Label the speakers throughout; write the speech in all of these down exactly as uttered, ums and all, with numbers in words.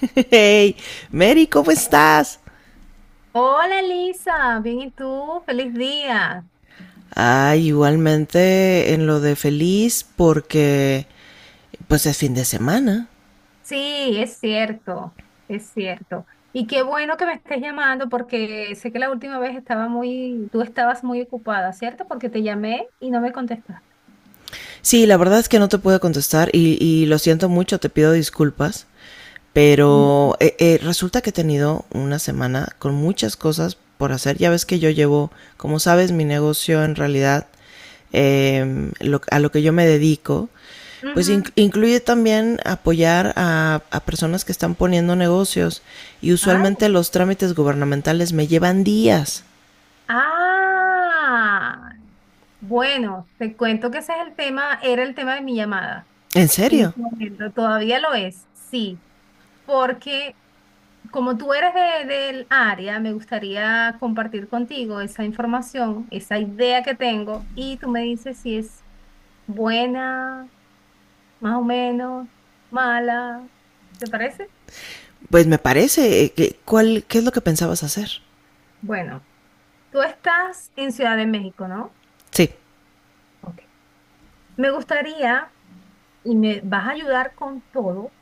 Speaker 1: Hey, Mary, ¿cómo estás?
Speaker 2: Hola Lisa, bien y tú, feliz día.
Speaker 1: Ah, igualmente en lo de feliz porque pues es fin de semana.
Speaker 2: Sí, es cierto, es cierto. Y qué bueno que me estés llamando porque sé que la última vez estaba muy, tú estabas muy ocupada, ¿cierto? Porque te llamé y no me contestaste.
Speaker 1: Sí, la verdad es que no te pude contestar y, y lo siento mucho, te pido disculpas.
Speaker 2: Ujú.
Speaker 1: Pero eh, eh, resulta que he tenido una semana con muchas cosas por hacer. Ya ves que yo llevo, como sabes, mi negocio en realidad, eh, lo, a lo que yo me dedico, pues in,
Speaker 2: Ujú.
Speaker 1: incluye también apoyar a, a personas que están poniendo negocios y
Speaker 2: Ah,
Speaker 1: usualmente los trámites gubernamentales me llevan días.
Speaker 2: ah, bueno, te cuento que ese es el tema, era el tema de mi llamada
Speaker 1: ¿En
Speaker 2: en
Speaker 1: serio?
Speaker 2: este momento, todavía lo es, sí, porque como tú eres de- del área, me gustaría compartir contigo esa información, esa idea que tengo, y tú me dices si es buena, más o menos, mala. ¿Te parece?
Speaker 1: Pues me parece. eh, ¿Cuál, ¿qué es lo que pensabas hacer?
Speaker 2: Bueno, tú estás en Ciudad de México, ¿no?
Speaker 1: Sí,
Speaker 2: Ok. Me gustaría, y me vas a ayudar con todo,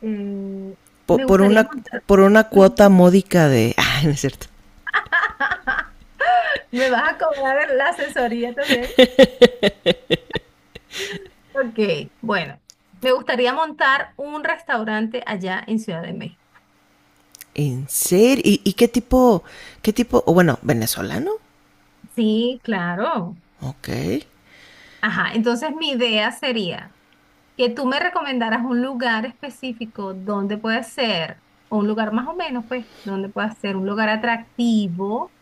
Speaker 2: eh,
Speaker 1: po-
Speaker 2: me
Speaker 1: por,
Speaker 2: gustaría
Speaker 1: una
Speaker 2: montar.
Speaker 1: por una cuota módica de... Ah, no es cierto.
Speaker 2: Me vas a cobrar la asesoría también. Ok, bueno, me gustaría montar un restaurante allá en Ciudad de México.
Speaker 1: ¿En serio? ¿Y, y qué tipo, qué tipo, o bueno, venezolano?
Speaker 2: Sí, claro.
Speaker 1: Ok.
Speaker 2: Ajá, entonces mi idea sería que tú me recomendaras un lugar específico donde puede ser, o un lugar más o menos, pues, donde pueda ser un lugar atractivo,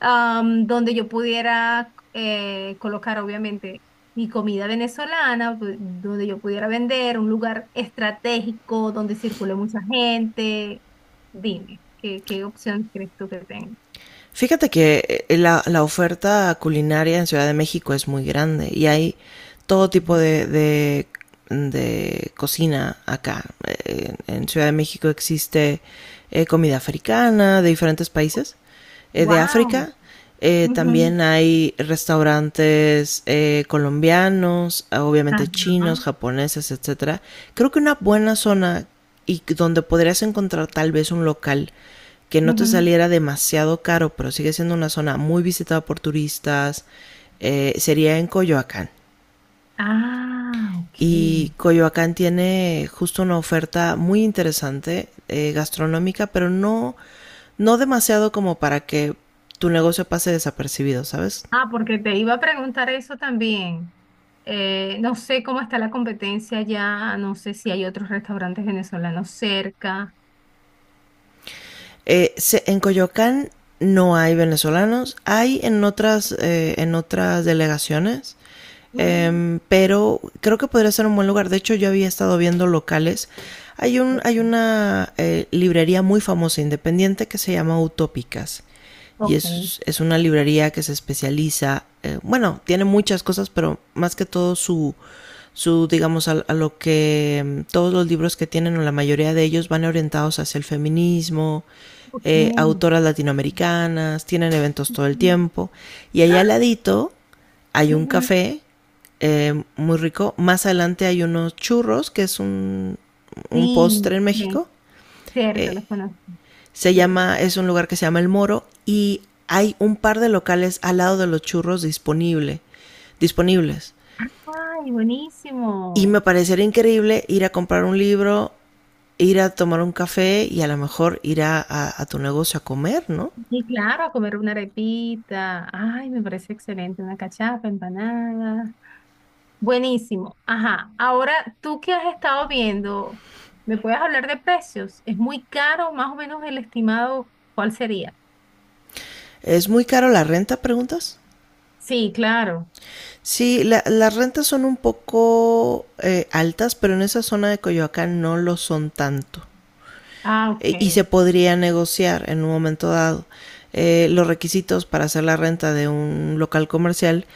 Speaker 2: am, donde yo pudiera eh, colocar obviamente mi comida venezolana, pu- donde yo pudiera vender, un lugar estratégico donde circule mucha gente. Dime, ¿qué, ¿qué opción crees tú que tengo?
Speaker 1: Fíjate que eh, la, la oferta culinaria en Ciudad de México es muy grande y hay todo tipo de, de, de cocina acá. Eh, En Ciudad de México existe eh, comida africana de diferentes países, eh, de
Speaker 2: Wow.
Speaker 1: África. Eh, también hay restaurantes eh, colombianos, obviamente chinos,
Speaker 2: Ajá.
Speaker 1: japoneses, etcétera. Creo que una buena zona y donde podrías encontrar tal vez un local que no te
Speaker 2: Ujú.
Speaker 1: saliera demasiado caro, pero sigue siendo una zona muy visitada por turistas, eh, sería en Coyoacán.
Speaker 2: Ah, ok.
Speaker 1: Y Coyoacán tiene justo una oferta muy interesante eh, gastronómica, pero no, no demasiado como para que tu negocio pase desapercibido, ¿sabes?
Speaker 2: Ah, porque te iba a preguntar eso también. Eh, no sé cómo está la competencia allá, no sé si hay otros restaurantes venezolanos cerca.
Speaker 1: Eh, se- en Coyoacán no hay venezolanos, hay en otras, eh, en otras delegaciones, em, pero creo que podría ser un buen lugar. De hecho, yo había estado viendo locales. Hay, un, hay
Speaker 2: Ujú.
Speaker 1: una eh, librería muy famosa, independiente, que se llama Utópicas. Y
Speaker 2: Ok,
Speaker 1: es, es una librería que se especializa, eh, bueno, tiene muchas cosas, pero más que todo su, su digamos a, a, lo que mm, todos los libros que tienen o la mayoría de ellos van orientados hacia el feminismo,
Speaker 2: ok.
Speaker 1: eh, autoras latinoamericanas tienen eventos todo el
Speaker 2: Ujú,
Speaker 1: tiempo y allá al ladito hay un
Speaker 2: ujú.
Speaker 1: café eh, muy rico. Más adelante hay unos churros que es un, un
Speaker 2: Sí,
Speaker 1: postre en
Speaker 2: sí,
Speaker 1: México.
Speaker 2: cierto,
Speaker 1: Eh,
Speaker 2: los conozco.
Speaker 1: se
Speaker 2: Churros.
Speaker 1: llama Es un lugar que se llama El Moro y hay un par de locales al lado de los churros disponible disponibles,
Speaker 2: Ay,
Speaker 1: y
Speaker 2: buenísimo.
Speaker 1: me parecería increíble ir a comprar un libro, ir a tomar un café y a lo mejor ir a, a, a tu negocio a comer, ¿no?
Speaker 2: Y claro, a comer una arepita. Ay, me parece excelente. Una cachapa, empanada. Buenísimo. Ajá. Ahora, ¿tú que has estado viendo? ¿Me puedes hablar de precios? ¿Es muy caro? Más o menos el estimado, ¿cuál sería?
Speaker 1: ¿Es muy caro la renta, preguntas?
Speaker 2: Sí, claro.
Speaker 1: Sí, la, las rentas son un poco eh, altas, pero en esa zona de Coyoacán no lo son tanto.
Speaker 2: Ah,
Speaker 1: Eh, y se
Speaker 2: ok.
Speaker 1: podría negociar en un momento dado. Eh, los requisitos para hacer la renta de un local comercial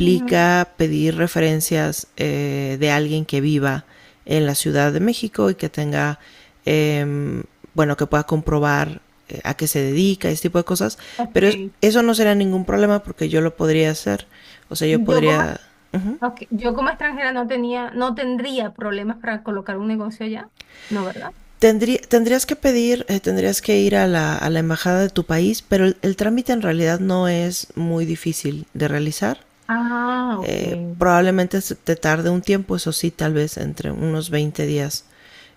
Speaker 2: Ujú,
Speaker 1: pedir referencias eh, de alguien que viva en la Ciudad de México y que tenga, eh, bueno, que pueda comprobar eh, a qué se dedica, ese tipo de cosas. Pero
Speaker 2: ok.
Speaker 1: eso no será ningún problema porque yo lo podría hacer. O sea, yo
Speaker 2: Yo como...
Speaker 1: podría... Uh -huh.
Speaker 2: Ok, yo como extranjera no tenía, no tendría problemas para colocar un negocio allá, ¿no, verdad?
Speaker 1: Tendrí, tendrías que pedir, eh, tendrías que ir a la, a la embajada de tu país, pero el, el trámite en realidad no es muy difícil de realizar.
Speaker 2: Ah, ok.
Speaker 1: Eh, probablemente te tarde un tiempo, eso sí, tal vez entre unos veinte días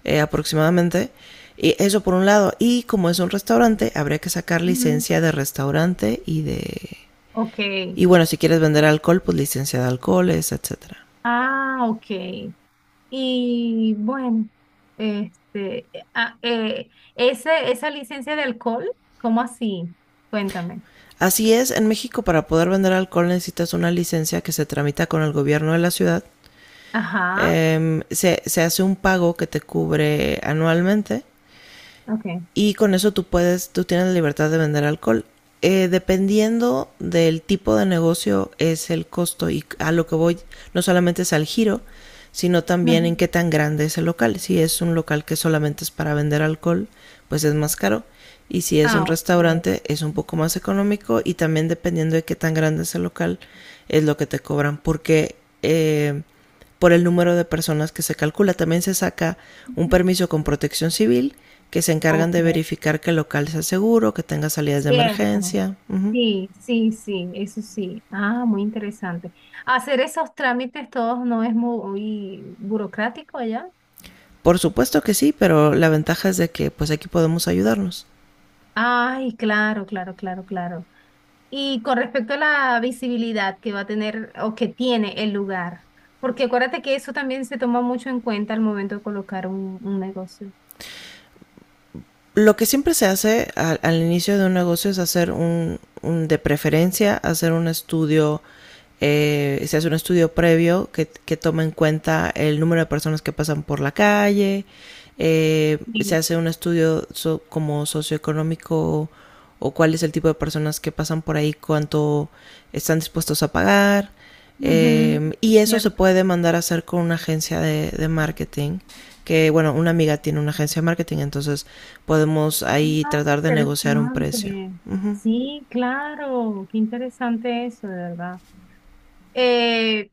Speaker 1: eh, aproximadamente. Y eso por un lado. Y como es un restaurante, habría que sacar
Speaker 2: Mm,
Speaker 1: licencia de restaurante y de...
Speaker 2: ok.
Speaker 1: Y bueno, si quieres vender alcohol, pues licencia de alcoholes, etcétera.
Speaker 2: Ah, ok. Y bueno, este, eh, ah, eh, ese, esa licencia de alcohol, ¿cómo así? Cuéntame.
Speaker 1: Así es, en México para poder vender alcohol necesitas una licencia que se tramita con el gobierno de la ciudad,
Speaker 2: Ajá,
Speaker 1: eh, se, se, hace un pago que te cubre anualmente
Speaker 2: ok.
Speaker 1: y con eso tú puedes, tú tienes la libertad de vender alcohol. Eh, dependiendo del tipo de negocio es el costo, y a lo que voy, no solamente es al giro, sino
Speaker 2: Ajá.
Speaker 1: también en qué tan grande es el local. Si es un local que solamente es para vender alcohol, pues es más caro. Y si es un
Speaker 2: Ah, ok.
Speaker 1: restaurante, es un poco más económico, y también dependiendo de qué tan grande es el local, es lo que te cobran. Porque eh, por el número de personas que se calcula. También se saca un permiso con protección civil, que se encargan
Speaker 2: Ok,
Speaker 1: de verificar que el local sea seguro, que tenga salidas de
Speaker 2: cierto.
Speaker 1: emergencia. Ujú.
Speaker 2: Sí, sí, sí, eso sí. Ah, muy interesante. Hacer esos trámites todos no es muy burocrático allá.
Speaker 1: Por supuesto que sí, pero la ventaja es de que pues aquí podemos ayudarnos.
Speaker 2: Ay, claro, claro, claro, claro. Y con respecto a la visibilidad que va a tener o que tiene el lugar, porque acuérdate que eso también se toma mucho en cuenta al momento de colocar un, un negocio.
Speaker 1: Lo que siempre se hace al, al inicio de un negocio es hacer un, un- de preferencia, hacer un estudio, eh, se hace un estudio previo que, que toma en cuenta el número de personas que pasan por la calle, eh, se
Speaker 2: Sí.
Speaker 1: hace un estudio so- como socioeconómico, o cuál es el tipo de personas que pasan por ahí, cuánto están dispuestos a pagar.
Speaker 2: Ujú,
Speaker 1: Eh, y eso se
Speaker 2: ¿cierto?
Speaker 1: puede mandar a hacer con una agencia de, de marketing, que bueno, una amiga tiene una agencia de marketing, entonces podemos ahí
Speaker 2: Ah,
Speaker 1: tratar de negociar un precio.
Speaker 2: interesante.
Speaker 1: Ujú.
Speaker 2: Sí, claro, qué interesante eso, de verdad. Eh,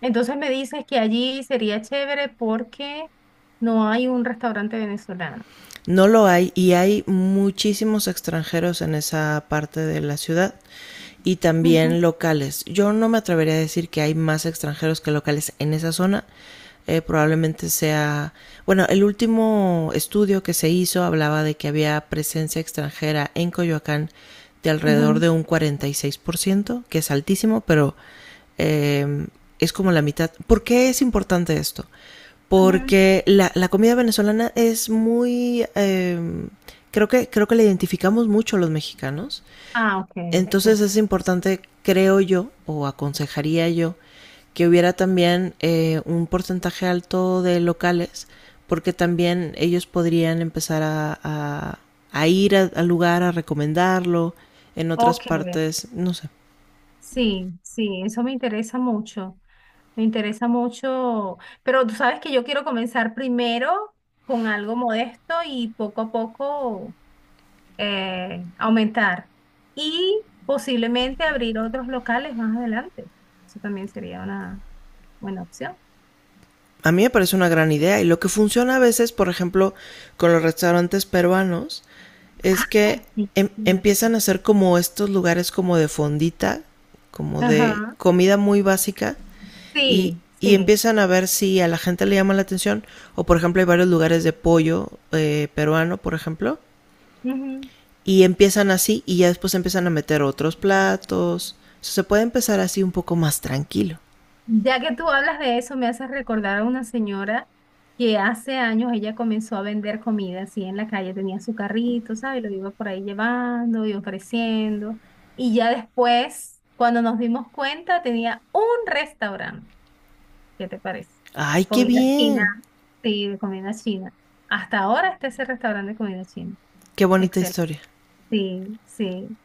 Speaker 2: entonces me dices que allí sería chévere porque no hay un restaurante venezolano.
Speaker 1: No lo hay, y hay muchísimos extranjeros en esa parte de la ciudad y
Speaker 2: Ujú,
Speaker 1: también locales. Yo no me atrevería a decir que hay más extranjeros que locales en esa zona. Eh, probablemente sea, bueno, el último estudio que se hizo hablaba de que había presencia extranjera en Coyoacán de alrededor
Speaker 2: ujú,
Speaker 1: de un cuarenta y seis por ciento, que es altísimo, pero eh, es como la mitad. ¿Por qué es importante esto?
Speaker 2: ujú.
Speaker 1: Porque la, la comida venezolana es muy... eh, creo, que, creo que la identificamos mucho los mexicanos.
Speaker 2: Ah, ok,
Speaker 1: Entonces
Speaker 2: perfecto.
Speaker 1: es importante, creo yo, o aconsejaría yo, que hubiera también eh, un porcentaje alto de locales, porque también ellos podrían empezar a, a- a ir al lugar, a recomendarlo en otras
Speaker 2: Ok,
Speaker 1: partes, no sé.
Speaker 2: sí, sí, eso me interesa mucho, me interesa mucho, pero tú sabes que yo quiero comenzar primero con algo modesto y poco a poco eh, aumentar y posiblemente abrir otros locales más adelante. Eso también sería una buena opción.
Speaker 1: A mí me parece una gran idea, y lo que funciona a veces, por ejemplo, con los restaurantes peruanos, es
Speaker 2: Ay,
Speaker 1: que
Speaker 2: sí,
Speaker 1: em-
Speaker 2: no.
Speaker 1: empiezan a hacer como estos lugares como de fondita, como de
Speaker 2: Ajá,
Speaker 1: comida muy básica, y,
Speaker 2: sí,
Speaker 1: y
Speaker 2: sí.
Speaker 1: empiezan a ver si a la gente le llama la atención, o por ejemplo hay varios lugares de pollo eh, peruano, por ejemplo,
Speaker 2: Ujú.
Speaker 1: y empiezan así y ya después empiezan a meter otros platos. O sea, se puede empezar así un poco más tranquilo.
Speaker 2: Ya que tú hablas de eso, me haces recordar a una señora que hace años ella comenzó a vender comida así en la calle, tenía su carrito, ¿sabes? Lo iba por ahí llevando y ofreciendo. Y ya después, cuando nos dimos cuenta, tenía un restaurante. ¿Qué te parece?
Speaker 1: Ay, qué
Speaker 2: Comida china.
Speaker 1: bien.
Speaker 2: Sí, de comida china. Hasta ahora está ese restaurante de comida china.
Speaker 1: Qué bonita
Speaker 2: Excelente.
Speaker 1: historia.
Speaker 2: Sí, sí.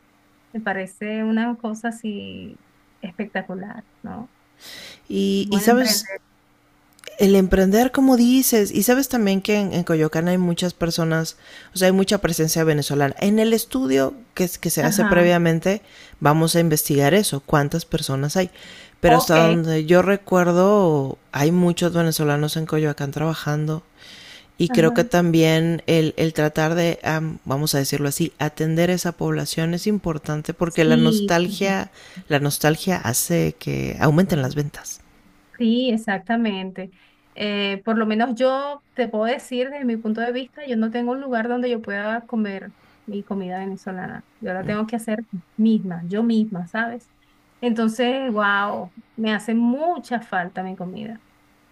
Speaker 2: Me parece una cosa así espectacular, ¿no?
Speaker 1: Y, y
Speaker 2: Buen emprender.
Speaker 1: sabes, el emprender, como dices, y sabes también que en, en, Coyoacán hay muchas personas, o sea, hay mucha presencia venezolana. En el estudio que, que se hace
Speaker 2: Ajá.
Speaker 1: previamente, vamos a investigar eso, cuántas personas hay. Pero hasta
Speaker 2: Ok.
Speaker 1: donde yo recuerdo, hay muchos venezolanos en Coyoacán trabajando. Y creo que
Speaker 2: Ajá.
Speaker 1: también el, el tratar de, um, vamos a decirlo así, atender esa población es importante porque la
Speaker 2: Sí.
Speaker 1: nostalgia, la nostalgia hace que aumenten las ventas.
Speaker 2: Sí, exactamente. Eh, por lo menos yo te puedo decir desde mi punto de vista, yo no tengo un lugar donde yo pueda comer mi comida venezolana. Yo la tengo que hacer misma, yo misma, ¿sabes? Entonces, wow, me hace mucha falta mi comida.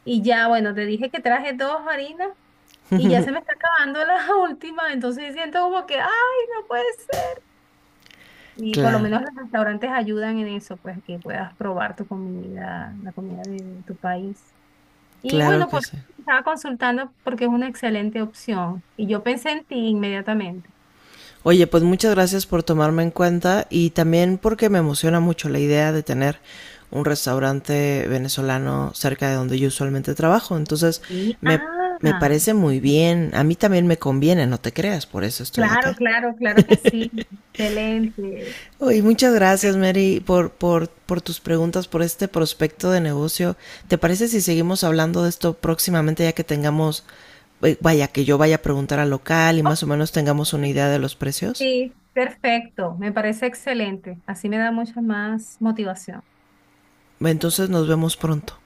Speaker 2: Y ya, bueno, te dije que traje dos harinas y ya se me está acabando la última, entonces siento como que, ay, no puede ser. Y por lo
Speaker 1: Claro.
Speaker 2: menos los restaurantes ayudan en eso, pues que puedas probar tu comida, la comida de tu país. Y
Speaker 1: Claro
Speaker 2: bueno,
Speaker 1: que
Speaker 2: pues
Speaker 1: sí.
Speaker 2: estaba consultando porque es una excelente opción. Y yo pensé en ti inmediatamente.
Speaker 1: Oye, pues muchas gracias por tomarme en cuenta, y también porque me emociona mucho la idea de tener un restaurante venezolano cerca de donde yo usualmente trabajo. Entonces,
Speaker 2: Sí,
Speaker 1: me, me
Speaker 2: ah,
Speaker 1: parece muy bien. A mí también me conviene, no te creas, por eso estoy
Speaker 2: claro,
Speaker 1: acá.
Speaker 2: claro, claro que sí. Excelente.
Speaker 1: Oye, muchas gracias,
Speaker 2: Ok,
Speaker 1: Mary, por, por, por tus preguntas, por este prospecto de negocio. ¿Te parece si seguimos hablando de esto próximamente ya que tengamos, eh, vaya, que yo vaya a preguntar al local y más o menos tengamos una
Speaker 2: sí,
Speaker 1: idea de los precios?
Speaker 2: sí, perfecto. Me parece excelente. Así me da mucha más motivación.
Speaker 1: Entonces nos vemos pronto.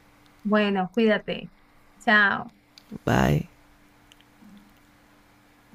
Speaker 2: Bueno, cuídate. Chao.
Speaker 1: Bye.